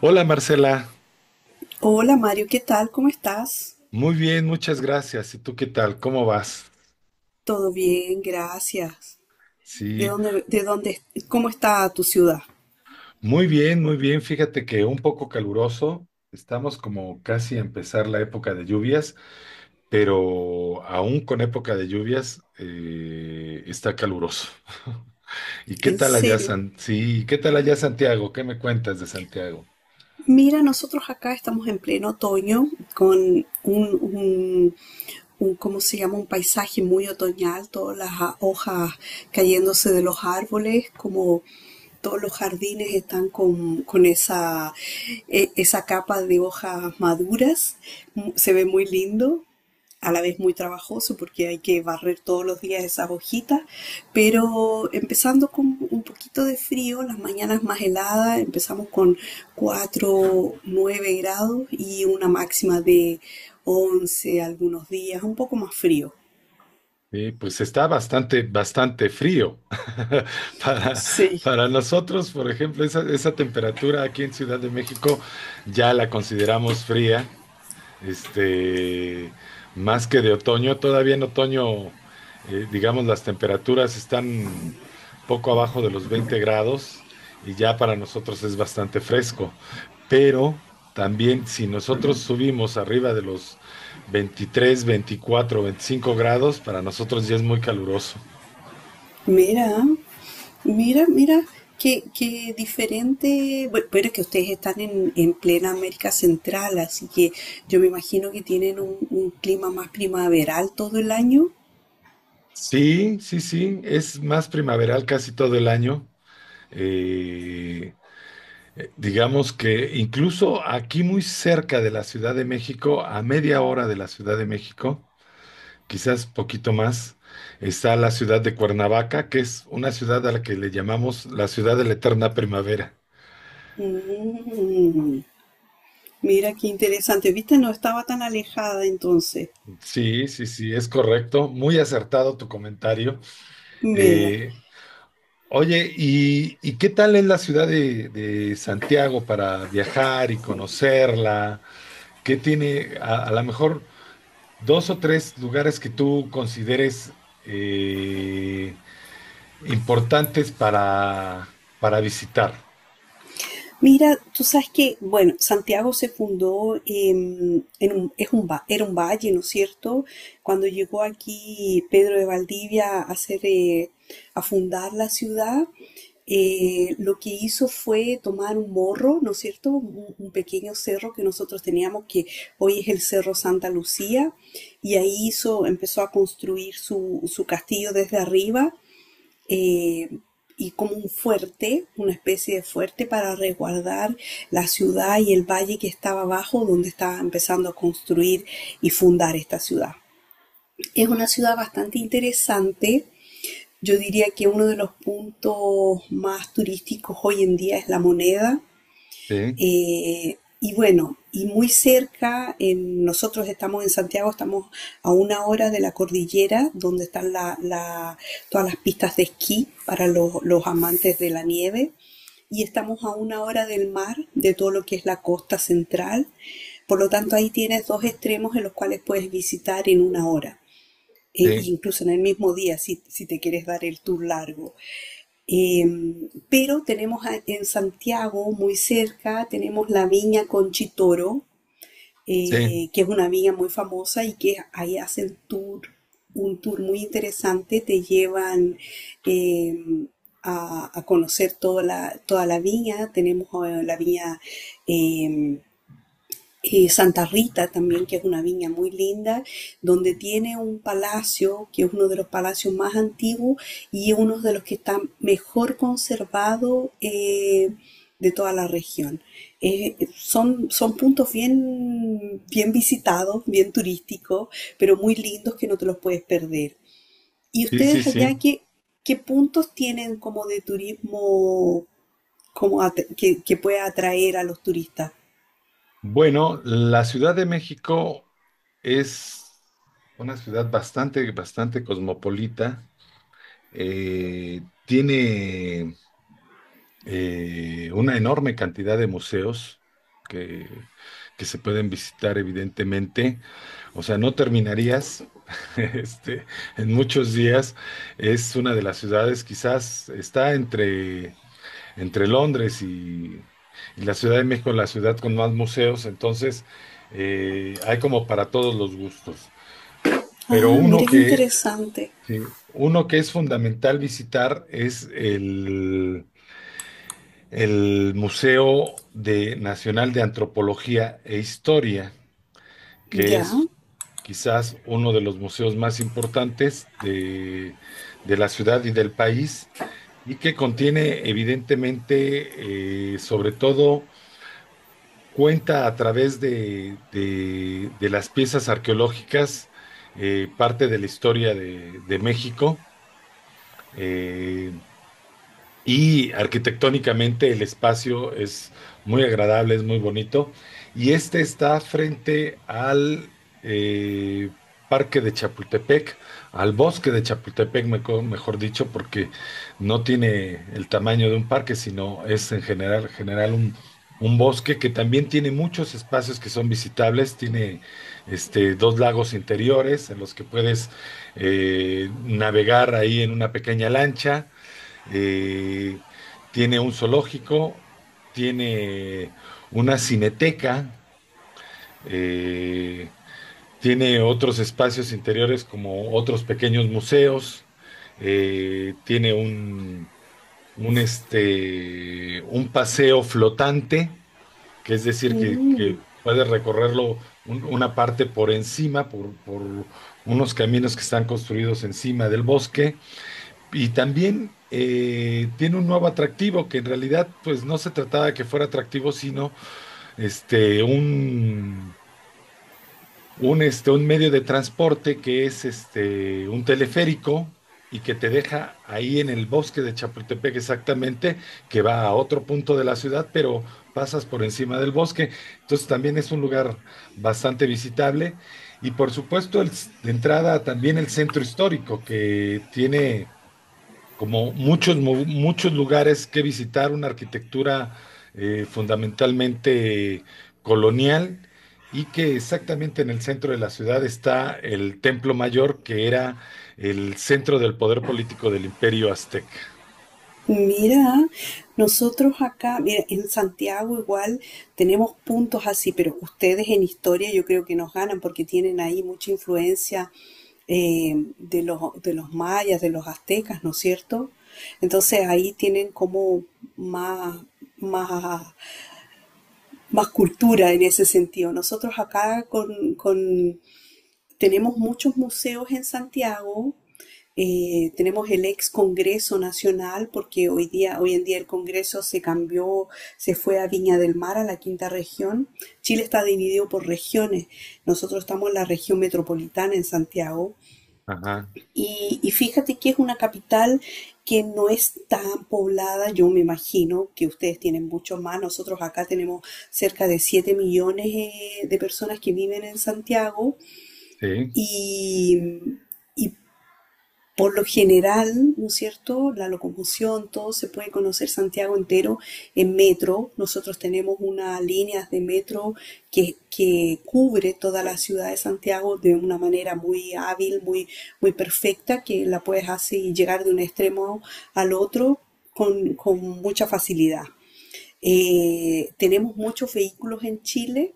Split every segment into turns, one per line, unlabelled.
Hola, Marcela.
Hola Mario, ¿qué tal? ¿Cómo estás?
Muy bien, muchas gracias. ¿Y tú qué tal? ¿Cómo vas?
Todo bien, gracias. ¿De
Sí,
dónde, de dónde, ¿Cómo está tu ciudad?
muy bien, muy bien. Fíjate que un poco caluroso. Estamos como casi a empezar la época de lluvias, pero aún con época de lluvias, está caluroso. ¿Y qué
En
tal allá,
serio.
San... Sí, ¿qué tal allá, Santiago? ¿Qué me cuentas de Santiago?
Mira, nosotros acá estamos en pleno otoño con ¿cómo se llama? Un paisaje muy otoñal, todas las hojas cayéndose de los árboles, como todos los jardines están con esa capa de hojas maduras. Mm. Se ve muy lindo. A la vez muy trabajoso porque hay que barrer todos los días esas hojitas, pero empezando con un poquito de frío, las mañanas más heladas, empezamos con 4 9 grados y una máxima de 11 algunos días, un poco más frío.
Sí, pues está bastante, bastante frío. Para,
Sí.
para nosotros, por ejemplo, esa temperatura aquí en Ciudad de México ya la consideramos fría, este, más que de otoño. Todavía en otoño, digamos, las temperaturas están poco abajo de los 20 grados y ya para nosotros es bastante fresco. Pero también si nosotros subimos arriba de los 23, 24, 25 grados, para nosotros ya es muy caluroso.
Mira, mira, mira, qué diferente. Bueno, pero es que ustedes están en plena América Central, así que yo me imagino que tienen un clima más primaveral todo el año.
Sí, sí, sí, es más primaveral casi todo el año. Eh, Digamos que incluso aquí muy cerca de la Ciudad de México, a media hora de la Ciudad de México, quizás poquito más, está la ciudad de Cuernavaca, que es una ciudad a la que le llamamos la ciudad de la eterna primavera.
Mm, mira qué interesante. Viste, no estaba tan alejada entonces.
Sí, sí, sí, es correcto. Muy acertado tu comentario.
Mira.
Eh, Oye, ¿y y qué tal es la ciudad de Santiago para viajar y conocerla? ¿Qué tiene, a lo mejor, dos o tres lugares que tú consideres eh, importantes para visitar?
Mira, tú sabes que, bueno, Santiago se fundó em, en un, es un, va- era un valle, ¿no es cierto? Cuando llegó aquí Pedro de Valdivia a fundar la ciudad. Lo que hizo fue tomar un morro, ¿no es cierto? Un pequeño cerro que nosotros teníamos, que hoy es el Cerro Santa Lucía, y ahí hizo, empezó a construir su castillo desde arriba eh, y como un fuerte, una especie de fuerte para resguardar la ciudad y el valle que estaba abajo donde estaba empezando a construir y fundar esta ciudad. Es una ciudad bastante interesante. Yo diría que uno de los puntos más turísticos hoy en día es La Moneda.
Sí,
Y bueno, y muy cerca, nosotros estamos en Santiago, estamos a una hora de la cordillera, donde están todas las pistas de esquí para los amantes de la nieve, y estamos a una hora del mar, de todo lo que es la costa central. Por lo tanto, ahí tienes dos extremos en los cuales puedes visitar en una hora, e
sí,
incluso en el mismo día, si te quieres dar el tour largo. Eh, pero tenemos en Santiago, muy cerca, tenemos la viña Conchitoro,
sí,
que es una viña muy famosa y que ahí hacen tour, un tour muy interesante. Te llevan eh, a conocer toda la viña. Tenemos la viña eh, Santa Rita también, que es una viña muy linda, donde tiene un palacio, que es uno de los palacios más antiguos y uno de los que está mejor conservado de toda la región. Son puntos bien, bien visitados, bien turísticos, pero muy lindos que no te los puedes perder. ¿Y
sí, sí,
ustedes allá
sí.
qué, puntos tienen como de turismo como que pueda atraer a los turistas?
Bueno, la Ciudad de México es una ciudad bastante, bastante cosmopolita. Tiene una enorme cantidad de museos que, que se pueden visitar, evidentemente. O sea, no terminarías este, en muchos días. Es una de las ciudades, quizás está entre, entre Londres y la Ciudad de México, la ciudad con más museos. Entonces, hay como para todos los gustos. Pero
Ah, mira qué interesante.
uno que es fundamental visitar es el Museo Nacional de Antropología e Historia, que
Ya.
es quizás uno de los museos más importantes de la ciudad y del país, y que contiene evidentemente, sobre todo, cuenta a través de las piezas arqueológicas, parte de la historia de México. Eh, Y arquitectónicamente el espacio es muy agradable, es muy bonito. Y este está frente al eh, parque de Chapultepec, al bosque de Chapultepec, mejor dicho, porque no tiene el tamaño de un parque, sino es en general, un bosque que también tiene muchos espacios que son visitables. Tiene dos lagos interiores en los que puedes navegar ahí en una pequeña lancha. Eh, tiene un zoológico, tiene una cineteca, eh, tiene otros espacios interiores como otros pequeños museos, tiene un paseo flotante, que es decir, que,
Mm.
que puedes recorrerlo una parte por encima, por unos caminos que están construidos encima del bosque. Y también, tiene un nuevo atractivo que en realidad pues no se trataba de que fuera atractivo, sino este, un, un medio de transporte que es un teleférico y que te deja ahí en el bosque de Chapultepec exactamente, que va a otro punto de la ciudad, pero pasas por encima del bosque. Entonces también es un lugar bastante visitable. Y por supuesto, de entrada también el centro histórico, que tiene como muchos lugares que visitar, una arquitectura fundamentalmente colonial, y que exactamente en el centro de la ciudad está el Templo Mayor, que era el centro del poder político del Imperio Azteca.
Mira, nosotros acá, mira, en Santiago igual tenemos puntos así, pero ustedes en historia yo creo que nos ganan porque tienen ahí mucha influencia de los mayas, de los aztecas, ¿no es cierto? Entonces ahí tienen como más, más, más cultura en ese sentido. Nosotros acá, con tenemos muchos museos en Santiago. Tenemos el ex Congreso Nacional, porque hoy en día el Congreso se cambió, se fue a Viña del Mar, a la quinta región. Chile está dividido por regiones. Nosotros estamos en la región metropolitana en Santiago.
Ajá,
Y fíjate que es una capital que no es tan poblada, yo me imagino que ustedes tienen mucho más. Nosotros acá tenemos cerca de 7 millones de personas que viven en Santiago
sí.
y, y por lo general, ¿no es cierto? La locomoción, todo se puede conocer Santiago entero en metro. Nosotros tenemos una línea de metro que cubre toda la ciudad de Santiago de una manera muy hábil, muy, muy perfecta, que la puedes así llegar de un extremo al otro con mucha facilidad. Tenemos muchos vehículos en Chile,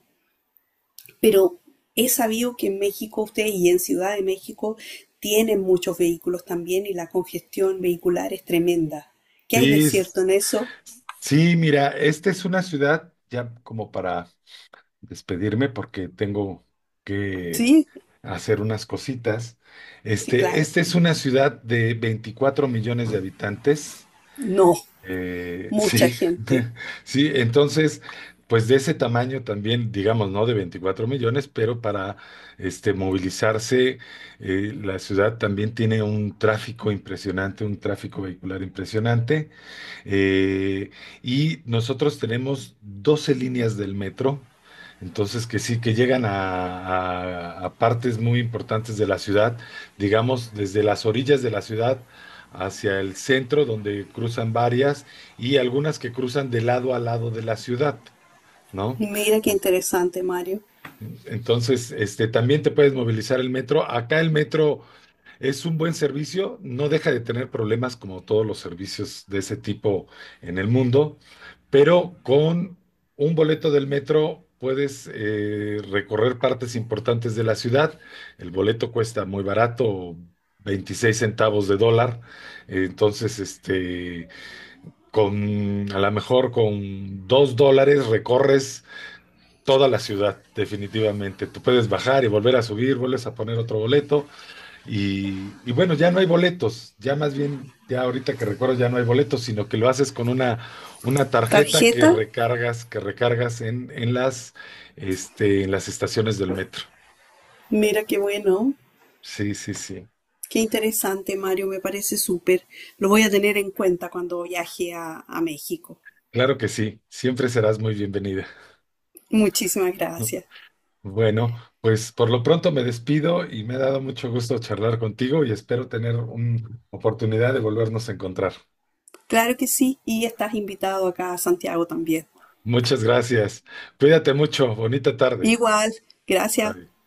pero he sabido que en México ustedes y en Ciudad de México tienen muchos vehículos también y la congestión vehicular es tremenda. ¿Qué hay de
Sí,
cierto en eso?
sí, mira, esta es una ciudad, ya como para despedirme, porque tengo que
Sí,
hacer unas cositas.
sí, claro.
Esta es una ciudad de 24 millones de habitantes.
No, mucha
Sí,
gente.
sí, entonces, pues de ese tamaño también, digamos, no de 24 millones, pero para movilizarse, la ciudad también tiene un tráfico impresionante, un tráfico vehicular impresionante. Eh, y nosotros tenemos 12 líneas del metro, entonces que sí, que llegan a partes muy importantes de la ciudad, digamos, desde las orillas de la ciudad hacia el centro, donde cruzan varias y algunas que cruzan de lado a lado de la ciudad, ¿no?
Mira qué interesante, Mario.
Entonces, también te puedes movilizar el metro. Acá el metro es un buen servicio, no deja de tener problemas como todos los servicios de ese tipo en el mundo, pero con un boleto del metro puedes recorrer partes importantes de la ciudad. El boleto cuesta muy barato, 26 centavos de dólar. Entonces, con a lo mejor con $2 recorres toda la ciudad, definitivamente. Tú puedes bajar y volver a subir, vuelves a poner otro boleto y bueno, ya no hay boletos, ya más bien, ya ahorita que recuerdo, ya no hay boletos, sino que lo haces con una tarjeta que
¿Tarjeta?
recargas, en las estaciones del metro.
Mira qué bueno.
Sí, sí, sí.
Qué interesante, Mario. Me parece súper. Lo voy a tener en cuenta cuando viaje a México.
Claro que sí, siempre serás muy bienvenida.
Muchísimas gracias.
Bueno, pues por lo pronto me despido y me ha dado mucho gusto charlar contigo y espero tener una oportunidad de volvernos a encontrar.
Claro que sí. Y estás invitado acá a Santiago también.
Muchas gracias. Cuídate mucho. Bonita tarde.
Igual, gracias.
Bye.